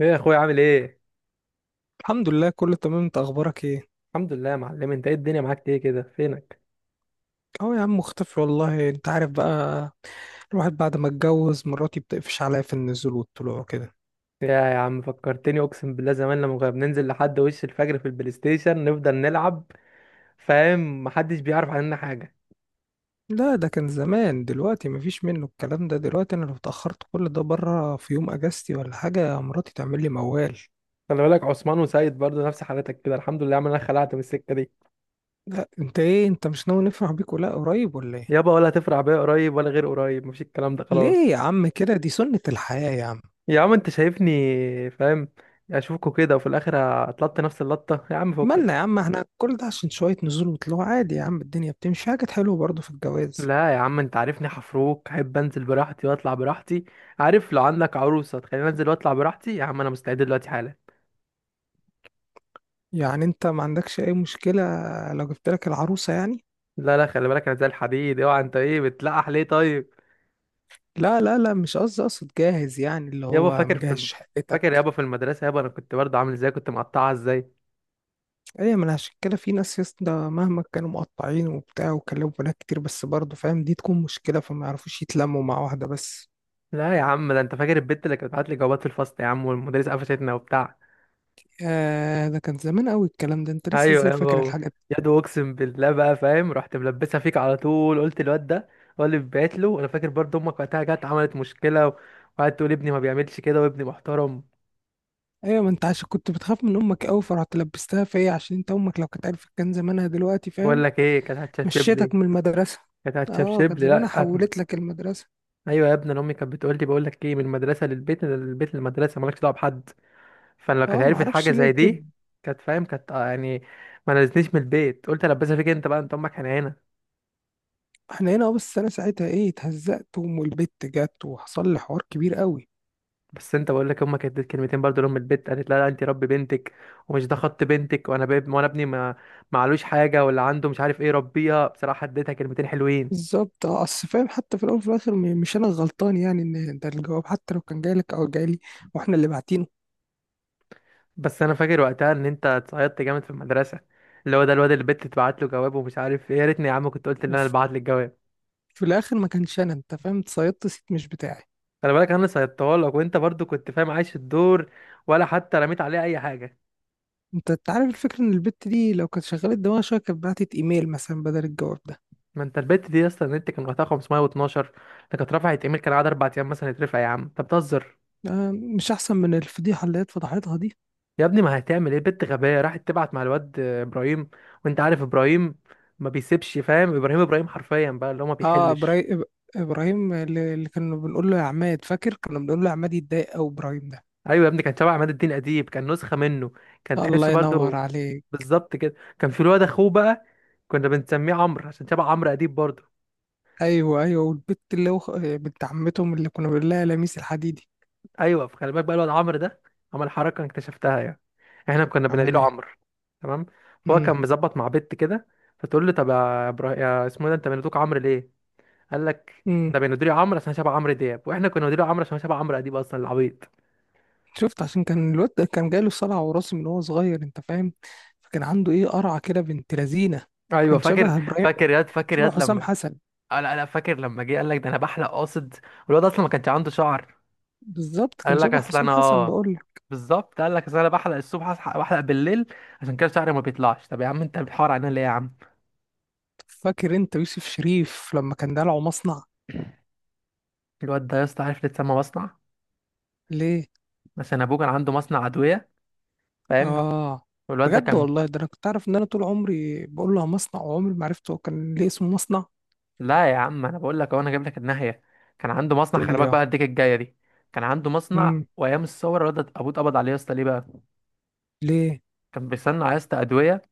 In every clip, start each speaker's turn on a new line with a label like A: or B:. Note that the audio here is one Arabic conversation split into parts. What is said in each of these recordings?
A: ايه يا اخويا؟ عامل ايه؟
B: الحمد لله، كله تمام. انت اخبارك ايه؟
A: الحمد لله يا معلم. انت ايه؟ الدنيا معاك ايه كده؟ فينك؟
B: اه، يا عم مختفي والله، انت عارف بقى. الواحد بعد ما اتجوز، مراتي بتقفش عليا في النزول والطلوع كده.
A: يا عم فكرتني، اقسم بالله زمان لما كنا بننزل لحد وش الفجر في البلاي ستيشن نفضل نلعب، فاهم؟ محدش بيعرف عننا حاجه.
B: لا، ده كان زمان. دلوقتي مفيش منه الكلام ده. دلوقتي انا لو اتأخرت كل ده بره في يوم اجازتي ولا حاجة، مراتي تعمل لي موال.
A: خلي بالك عثمان وسيد برضه نفس حالتك كده. الحمد لله يا عم انا خلعت من السكه دي.
B: لا، انت ايه؟ انت مش ناوي نفرح بيك ولا قريب ولا ايه؟
A: يابا ولا هتفرع بيا قريب ولا غير قريب، مفيش الكلام ده خلاص.
B: ليه يا عم كده؟ دي سنة الحياة يا عم.
A: يا عم انت شايفني فاهم؟ اشوفكوا كده وفي الاخر اتلطت نفس اللطه، يا عم
B: مالنا يا
A: فكك.
B: عم؟ احنا كل ده عشان شوية نزول وطلوع؟ عادي يا عم، الدنيا بتمشي، حاجة حلوة برضه في الجواز.
A: لا يا عم انت عارفني، حفروك احب انزل براحتي واطلع براحتي. عارف، لو عندك عروسه تخليني انزل واطلع براحتي يا عم انا مستعد دلوقتي حالا.
B: يعني انت ما عندكش اي مشكلة لو جبت لك العروسة يعني؟
A: لا لا خلي بالك، انا زي الحديد، اوعى. انت ايه بتلقح ليه طيب؟
B: لا لا لا، مش قصدي، اقصد جاهز يعني، اللي
A: يابا
B: هو
A: فاكر
B: مجهز
A: فاكر
B: شقتك.
A: يابا في المدرسه، يابا انا كنت برضه عامل ازاي، كنت مقطعها ازاي.
B: ايه، ما انا عشان كده في ناس يسطا، مهما كانوا مقطعين وبتاع وكلموا بنات كتير بس برضه فاهم دي تكون مشكلة، فما يعرفوش يتلموا مع واحدة بس.
A: لا يا عم، ده انت فاكر البت اللي كانت بتبعت لي جوابات في الفصل يا عم، والمدرس قفشتنا وبتاع.
B: آه، ده كان زمان قوي الكلام ده. انت لسه
A: ايوه
B: ازاي
A: يا
B: فاكر
A: بابا،
B: الحاجات
A: يا دو اقسم بالله بقى فاهم، رحت ملبسها فيك على طول، قلت الواد ده هو اللي بعت له. انا فاكر برضه امك وقتها جت عملت مشكله وقعدت تقول ابني ما بيعملش كده وابني محترم.
B: دي؟ ايوه، ما انت عشان كنت بتخاف من امك قوي فرحت لبستها فيا، عشان انت امك لو كانت عرفت كان زمانها دلوقتي،
A: بقول
B: فاهم.
A: لك ايه؟ كانت هتشبشب لي،
B: مشيتك من المدرسة.
A: كانت
B: اه،
A: هتشبشب
B: كان
A: لي،
B: زمانها
A: لا.
B: حولت لك المدرسة.
A: ايوه يا ابني، انا امي كانت بتقول لي بقول لك ايه، من المدرسه للبيت من البيت للمدرسه، مالكش دعوه بحد. فانا لو كانت
B: اه،
A: عرفت
B: معرفش
A: حاجه
B: ليه
A: زي
B: كده.
A: دي كانت، فاهم؟ كانت يعني ما نزلتنيش من البيت. قلت البسها فيك انت بقى، انت امك حنينه.
B: احنا هنا. اه، بس انا ساعتها ايه اتهزقت وام البت جت وحصل لي حوار كبير قوي.
A: بس انت، بقول لك امك كانت اديت كلمتين برضه لام البيت، قالت لا لا انت ربي بنتك ومش ده خط بنتك، وانا باب وانا ابني ما معلوش حاجه، ولا عنده مش عارف ايه، ربيها. بصراحه اديتها كلمتين حلوين.
B: بالظبط، اه، اصل فاهم. حتى في الاول وفي الاخر مش انا الغلطان، يعني ان ده الجواب حتى لو كان جاي لك او جاي لي، واحنا اللي باعتينه.
A: بس انا فاكر وقتها ان انت اتصيدت جامد في المدرسه، اللي هو ده الواد اللي البت تبعت له جواب ومش عارف ايه. يا ريتني يا عم كنت قلت ان انا اللي
B: وف-
A: بعت لك الجواب.
B: في الاخر ما كانش انا، انت فاهم، اتصيدت صيت مش بتاعي.
A: خلي بالك انا صيدتها لك، وانت برضه كنت فاهم عايش الدور، ولا حتى رميت عليها اي حاجه.
B: انت عارف الفكره، ان البت دي لو كانت شغلت دماغها شويه كانت بعتت ايميل مثلا بدل الجواب ده.
A: ما انت البت دي اصلا، النت كان وقتها 512. ده كانت رفعت ايميل كان قعد اربع ايام مثلا يترفع. يا عم انت بتهزر؟
B: آه، مش احسن من الفضيحه اللي هي اتفضحتها دي؟
A: يا ابني ما هتعمل ايه، بنت غبية راحت تبعت مع الواد ابراهيم، وانت عارف ابراهيم ما بيسيبش، فاهم؟ ابراهيم، ابراهيم حرفيا بقى اللي هو ما
B: اه،
A: بيحلش.
B: ابراهيم. ابراهيم اللي كنا بنقول له يا عماد، فاكر كنا بنقول له يا عماد يتضايق، او ابراهيم ده؟
A: ايوه يا ابني، كان شبه عماد الدين اديب، كان نسخة منه، كان
B: الله
A: تحسه
B: ينور
A: برضو.
B: عليك.
A: بالظبط كده. كان في الواد اخوه بقى، كنا بنسميه عمرو عشان شبه عمرو اديب برضو.
B: ايوه، ايوه، والبت اللي هو بنت عمتهم، اللي كنا بنقول لها لميس الحديدي.
A: ايوه فخلي بالك بقى، الواد عمرو ده عمل حركة انا اكتشفتها يعني. احنا كنا
B: عمل
A: بناديله
B: ايه؟
A: عمرو. تمام. فهو
B: امم،
A: كان مظبط مع بنت كده، فتقول له طب يا ابراهيم يا اسمه إيه ده، انت بنادوك عمرو ليه؟ قال لك
B: امم.
A: ده بندري عمرو عشان شبه عمرو دياب، واحنا كنا بندري عمرو عشان شبه عمرو اديب، اصلا العبيط.
B: شفت، عشان كان الواد ده كان جاله صلع وراثي من وهو صغير، انت فاهم. فكان عنده ايه قرعه كده، بنت لذينه.
A: ايوه
B: كان
A: فاكر،
B: شبه ابراهيم.
A: فاكر ياد فاكر
B: شبه
A: ياد
B: حسام
A: لما،
B: حسن.
A: آه لا لا، فاكر لما جه قال لك ده انا بحلق قاصد، والواد اصلا ما كانش عنده شعر.
B: بالظبط، كان
A: قال لك
B: شبه
A: اصل
B: حسام
A: انا
B: حسن
A: اه،
B: بقول لك.
A: بالظبط قال لك اصل انا بحلق الصبح، اصحى بحلق بالليل، عشان كده شعري ما بيطلعش. طب يا عم انت بتحور علينا ليه يا عم؟
B: فاكر انت يوسف شريف لما كان دلعه مصنع؟
A: الواد ده يا اسطى عارف ليه اتسمى مصنع؟
B: ليه؟
A: عشان ابوه كان عنده مصنع ادويه، فاهم؟
B: اه.
A: والواد ده
B: بجد
A: كان،
B: والله؟ ده انا كنت عارف ان انا طول عمري بقول لها مصنع، وعمري ما عرفته هو كان ليه اسمه مصنع.
A: لا يا عم انا بقول لك اهو، انا جايب لك الناحيه. كان عنده مصنع،
B: تقول
A: خلي
B: لي
A: بالك
B: اه.
A: بقى الديك الجايه دي. كان عنده مصنع،
B: امم.
A: وايام الثوره الواد ده ابوه اتقبض عليه يا اسطى. ليه بقى؟
B: ليه؟
A: كان بيصنع يا اسطى ادويه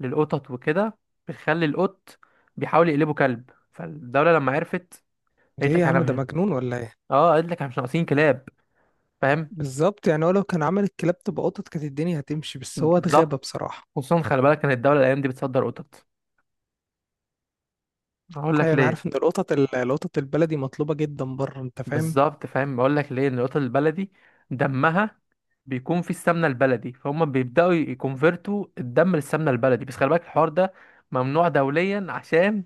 A: للقطط وكده، بتخلي القط بيحاول يقلبه كلب. فالدوله لما عرفت
B: ده
A: قالت
B: ايه يا
A: لك احنا
B: عم؟ ده
A: مش-
B: مجنون ولا ايه؟
A: اه قالت لك احنا مش ناقصين كلاب، فاهم؟
B: بالظبط، يعني هو لو كان عمل الكلاب تبقى قطط كانت الدنيا هتمشي، بس هو اتغابى
A: بالظبط.
B: بصراحة.
A: خصوصا خلي بالك، كانت الدوله الايام دي بتصدر قطط. هقول لك
B: ايوه، انا
A: ليه.
B: عارف ان القطط القطط البلدي مطلوبة جدا بره، انت فاهم.
A: بالظبط فاهم، بقول لك ليه، إن القطط البلدي دمها بيكون فيه السمنه البلدي، فهم بيبداوا يكونفرتوا الدم للسمنه البلدي. بس خلي بالك الحوار ده ممنوع دوليا، عشان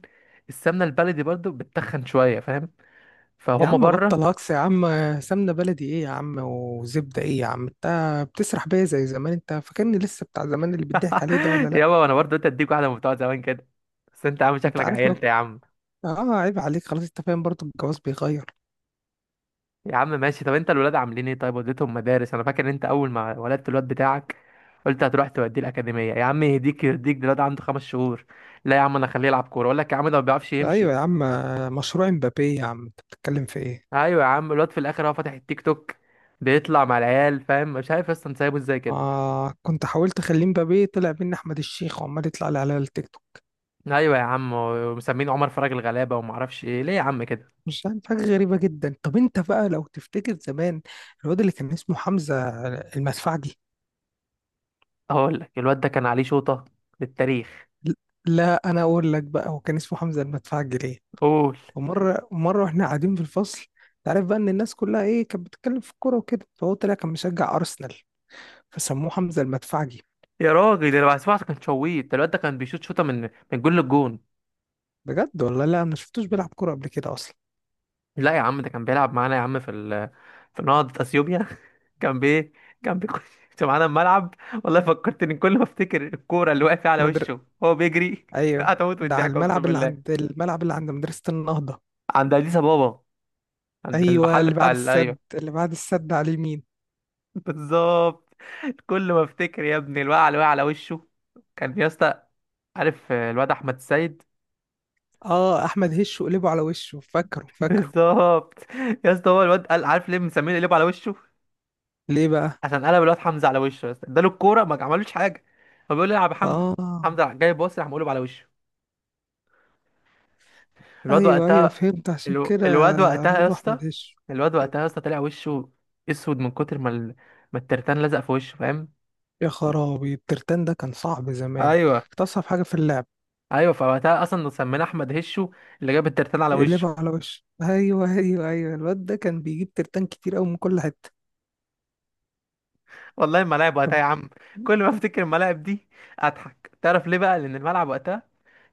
A: السمنه البلدي برضو بتتخن شويه، فاهم؟
B: يا
A: فهم
B: عم
A: بره.
B: بطل هكس يا عم. سمنة بلدي ايه يا عم؟ وزبدة ايه يا عم؟ انت بتسرح بيا زي زمان. انت فاكرني لسه بتاع زمان اللي بيضحك عليه ده ولا لا؟
A: يابا وانا برضو قلت اديك واحده من بتوع زمان كده، بس انت عامل
B: انت
A: شكلك
B: عارف لو،
A: عيلت يا عم.
B: اه، عيب عليك خلاص. انت فاهم، برضه الجواز بيغير.
A: يا عم ماشي، طب انت الولاد عاملين ايه طيب، وديتهم مدارس؟ انا فاكر ان انت اول ما ولدت الواد بتاعك قلت هتروح توديه الاكاديميه. يا عم يهديك يرضيك، ده الواد عنده خمس شهور. لا يا عم انا اخليه يلعب كوره. اقول لك يا عم ده ما بيعرفش
B: ايوه
A: يمشي.
B: يا عم، مشروع امبابي يا عم انت بتتكلم في ايه؟
A: ايوه يا عم، الواد في الاخر هو فاتح التيك توك، بيطلع مع العيال، فاهم؟ مش عارف اصلا سايبه ازاي كده.
B: آه، كنت حاولت اخليه مبابي، طلع مني احمد الشيخ وعمال يطلع لي على التيك توك.
A: ايوه يا عم، ومسمين عمر فرج الغلابه وما اعرفش ايه، ليه يا عم كده؟
B: مش عارف، حاجه غريبه جدا. طب انت بقى لو تفتكر زمان، الواد اللي كان اسمه حمزه المدفعجي.
A: اقول لك الواد ده كان عليه شوطه، للتاريخ.
B: لا، انا اقول لك بقى هو كان اسمه حمزه المدفعجي ليه.
A: قول.
B: ومره مره واحنا قاعدين في الفصل، تعرف بقى ان الناس كلها ايه كانت بتتكلم في الكوره وكده، فهو طلع كان مشجع ارسنال، فسموه حمزه المدفعجي.
A: يا راجل انا سمعت كان شويت، ده الواد ده كان بيشوط شوطه من من جون للجون.
B: بجد والله؟ لا، انا ما شفتوش بيلعب كوره قبل كده اصلا.
A: لا يا عم، ده كان بيلعب معانا يا عم في في نهضة اثيوبيا. كان بي كان بيخش معانا الملعب. والله فكرتني، كل ما افتكر الكوره اللي واقفه على
B: مدر...
A: وشه وهو بيجري
B: ايوه،
A: هتموت من
B: ده على
A: الضحك اقسم
B: الملعب اللي
A: بالله.
B: عند الملعب اللي عند مدرسه النهضه.
A: عند اديس ابابا، عند
B: ايوه،
A: المحل
B: اللي
A: بتاع
B: بعد
A: ايوه.
B: السد اللي بعد السد على اليمين.
A: بالظبط. كل ما افتكر يا ابني الوقعه اللي وقع على وشه، كان يا اسطى، عارف الواد احمد السيد؟
B: اه، احمد هش وقلبه على وشه، فاكره فاكره.
A: بالظبط. يا اسطى، هو الواد قال عارف ليه مسمينه قلبه على وشه؟
B: ليه بقى؟
A: عشان قلب الواد حمزه على وشه، بس اداله الكوره ما عملوش حاجه. هو بيقول لي العب يا حمزه،
B: اه.
A: حمزه راح جاي باص، راح مقلب على وشه. الواد
B: ايوه، ايوه،
A: وقتها،
B: فهمت عشان كده.
A: الواد وقتها
B: قالوا
A: يا
B: له
A: اسطى،
B: احمد هش.
A: الواد وقتها يا اسطى طلع وشه اسود من كتر ما ما الترتان لزق في وشه، فاهم؟
B: يا خرابي، الترتان ده كان صعب زمان،
A: ايوه
B: كانت اصعب حاجه في اللعب.
A: ايوه، فوقتها اصلا سمينا احمد هشو اللي جاب الترتان على وشه.
B: يقلبه على وشه. ايوه، ايوه، ايوه، الواد ده كان بيجيب ترتان كتير قوي من كل حته.
A: والله الملاعب وقتها
B: طب.
A: يا عم، كل ما افتكر الملاعب دي اضحك. تعرف ليه بقى؟ لان الملعب وقتها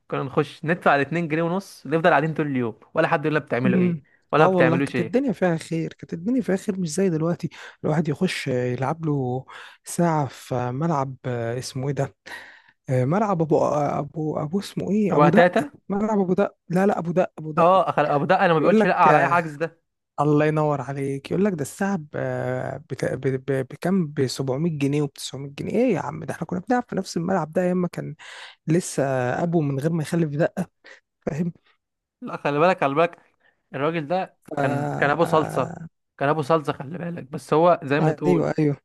A: كنا نخش ندفع الاتنين جنيه ونص، نفضل قاعدين طول اليوم، ولا حد يقول لنا بتعملوا ايه
B: امم.
A: ولا
B: اه
A: ما
B: والله،
A: بتعملوش
B: كانت
A: ايه.
B: الدنيا فيها خير، كانت الدنيا فيها خير، مش زي دلوقتي. الواحد يخش يلعب له ساعه في ملعب، اسمه ايه ده، ملعب ابو، ابو ابو اسمه ايه،
A: ابو
B: ابو دقه،
A: تاتا.
B: ملعب ابو دقه. لا لا، ابو دقه، ابو دقه.
A: اه ابو دقه، انا ما
B: يقول
A: بيقولش
B: لك
A: لا على اي حجز ده.
B: الله ينور عليك. يقول لك ده الساعه بكام؟ ب 700 جنيه وب 900 جنيه. ايه يا عم، ده احنا كنا بنلعب في نفس الملعب ده ايام ما كان لسه ابو من غير ما يخلف دقه، فاهم.
A: لا خلي بالك، خلي بالك، الراجل ده
B: ف-
A: كان ابو صلصه.
B: آه،
A: كان ابو صلصه، خلي بالك، بس هو زي ما تقول،
B: ايوه، ايوه،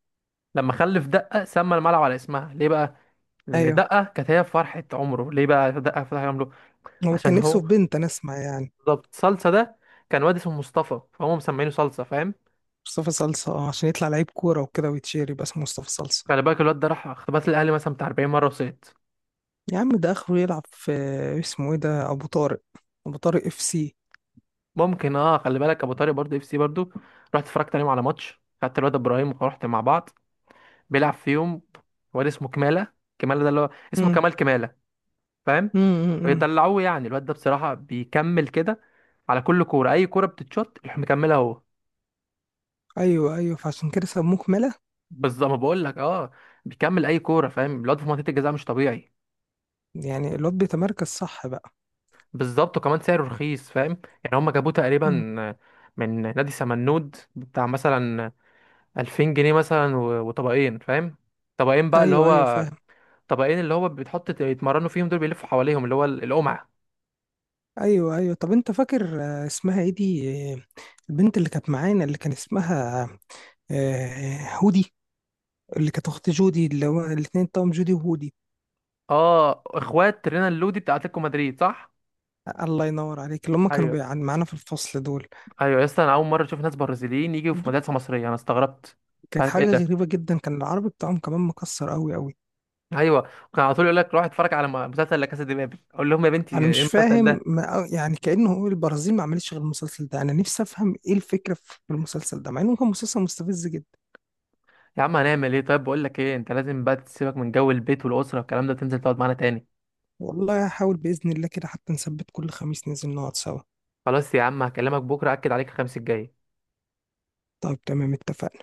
A: لما خلف دقه سمى الملعب على اسمها. ليه بقى؟ لان
B: ايوه،
A: دقه كانت هي فرحه عمره. ليه بقى دقه فرحه عمره؟
B: هو
A: عشان
B: كان نفسه
A: هو،
B: في بنت، انا اسمع يعني.
A: بالظبط. صلصه ده كان واد اسمه مصطفى، فهم مسمينه صلصه، فاهم؟
B: مصطفى صلصه، عشان يطلع لعيب كوره وكده ويتشير يبقى اسمه مصطفى صلصه.
A: خلي بالك الواد ده راح اختبارات الاهلي مثلا بتاع 40 مره وسقط.
B: يا عم ده اخره يلعب في، اسمه ايه ده، ابو طارق. ابو طارق اف سي.
A: ممكن اه. خلي بالك ابو طارق برضه اف سي برضه، رحت اتفرجت عليهم على ماتش، خدت الواد ابراهيم ورحت مع بعض. بيلعب فيهم واد اسمه كمالة. كمالة ده اللي هو اسمه
B: امم،
A: كمال، كمالة، فاهم؟
B: امم، امم.
A: بيدلعوه يعني. الواد ده بصراحة بيكمل كده على كل كورة، أي كورة بتتشوت يروح مكملها هو.
B: ايوه، ايوه، فعشان كده سموه كمالة.
A: بالظبط، ما بقول لك اه، بيكمل أي كورة. فاهم الواد في منطقة الجزاء مش طبيعي.
B: يعني الواد بيتمركز صح بقى.
A: بالظبط، وكمان سعره رخيص، فاهم؟ يعني هما جابوه تقريبا
B: امم.
A: من نادي سمنود بتاع مثلا 2000 جنيه مثلا، وطبقين، فاهم؟ طبقين بقى اللي
B: ايوه، ايوه،
A: هو،
B: فاهم.
A: طبقين اللي هو بتحط يتمرنوا فيهم، دول بيلفوا حواليهم اللي هو القمع.
B: ايوه، ايوه، طب انت فاكر، اسمها ايه دي، البنت اللي كانت معانا اللي كان اسمها، هودي، اللي كانت اخت جودي، اللي هو الاتنين توام جودي وهودي.
A: اه اخوات رينا اللودي بتاع اتلتيكو مدريد، صح؟
B: الله ينور عليك، اللي هم كانوا
A: ايوه.
B: معانا في الفصل دول.
A: ايوه يا اسطى، انا اول مره اشوف ناس برازيليين يجوا في
B: البنت
A: مدرسه مصريه، انا استغربت. مش
B: كانت
A: عارف ايه
B: حاجة
A: ده.
B: غريبة جدا، كان العربي بتاعهم كمان مكسر قوي قوي.
A: ايوه، كان على طول يقول لك روح اتفرج على مسلسل لا كاسا دي بابل. اقول لهم يا بنتي
B: انا
A: ايه
B: مش
A: المسلسل
B: فاهم،
A: ده؟
B: ما يعني كانه هو البرازيل ما عملتش غير المسلسل ده. انا نفسي افهم ايه الفكره في المسلسل ده، مع انه كان مسلسل مستفز جدا.
A: يا عم هنعمل ايه طيب؟ بقول لك ايه، انت لازم بقى تسيبك من جو البيت والاسره والكلام ده، تنزل تقعد معانا تاني.
B: والله هحاول باذن الله كده، حتى نثبت كل خميس ننزل نقعد سوا.
A: خلاص يا عم هكلمك بكره اكد عليك، الخميس الجاي.
B: طيب، تمام، اتفقنا.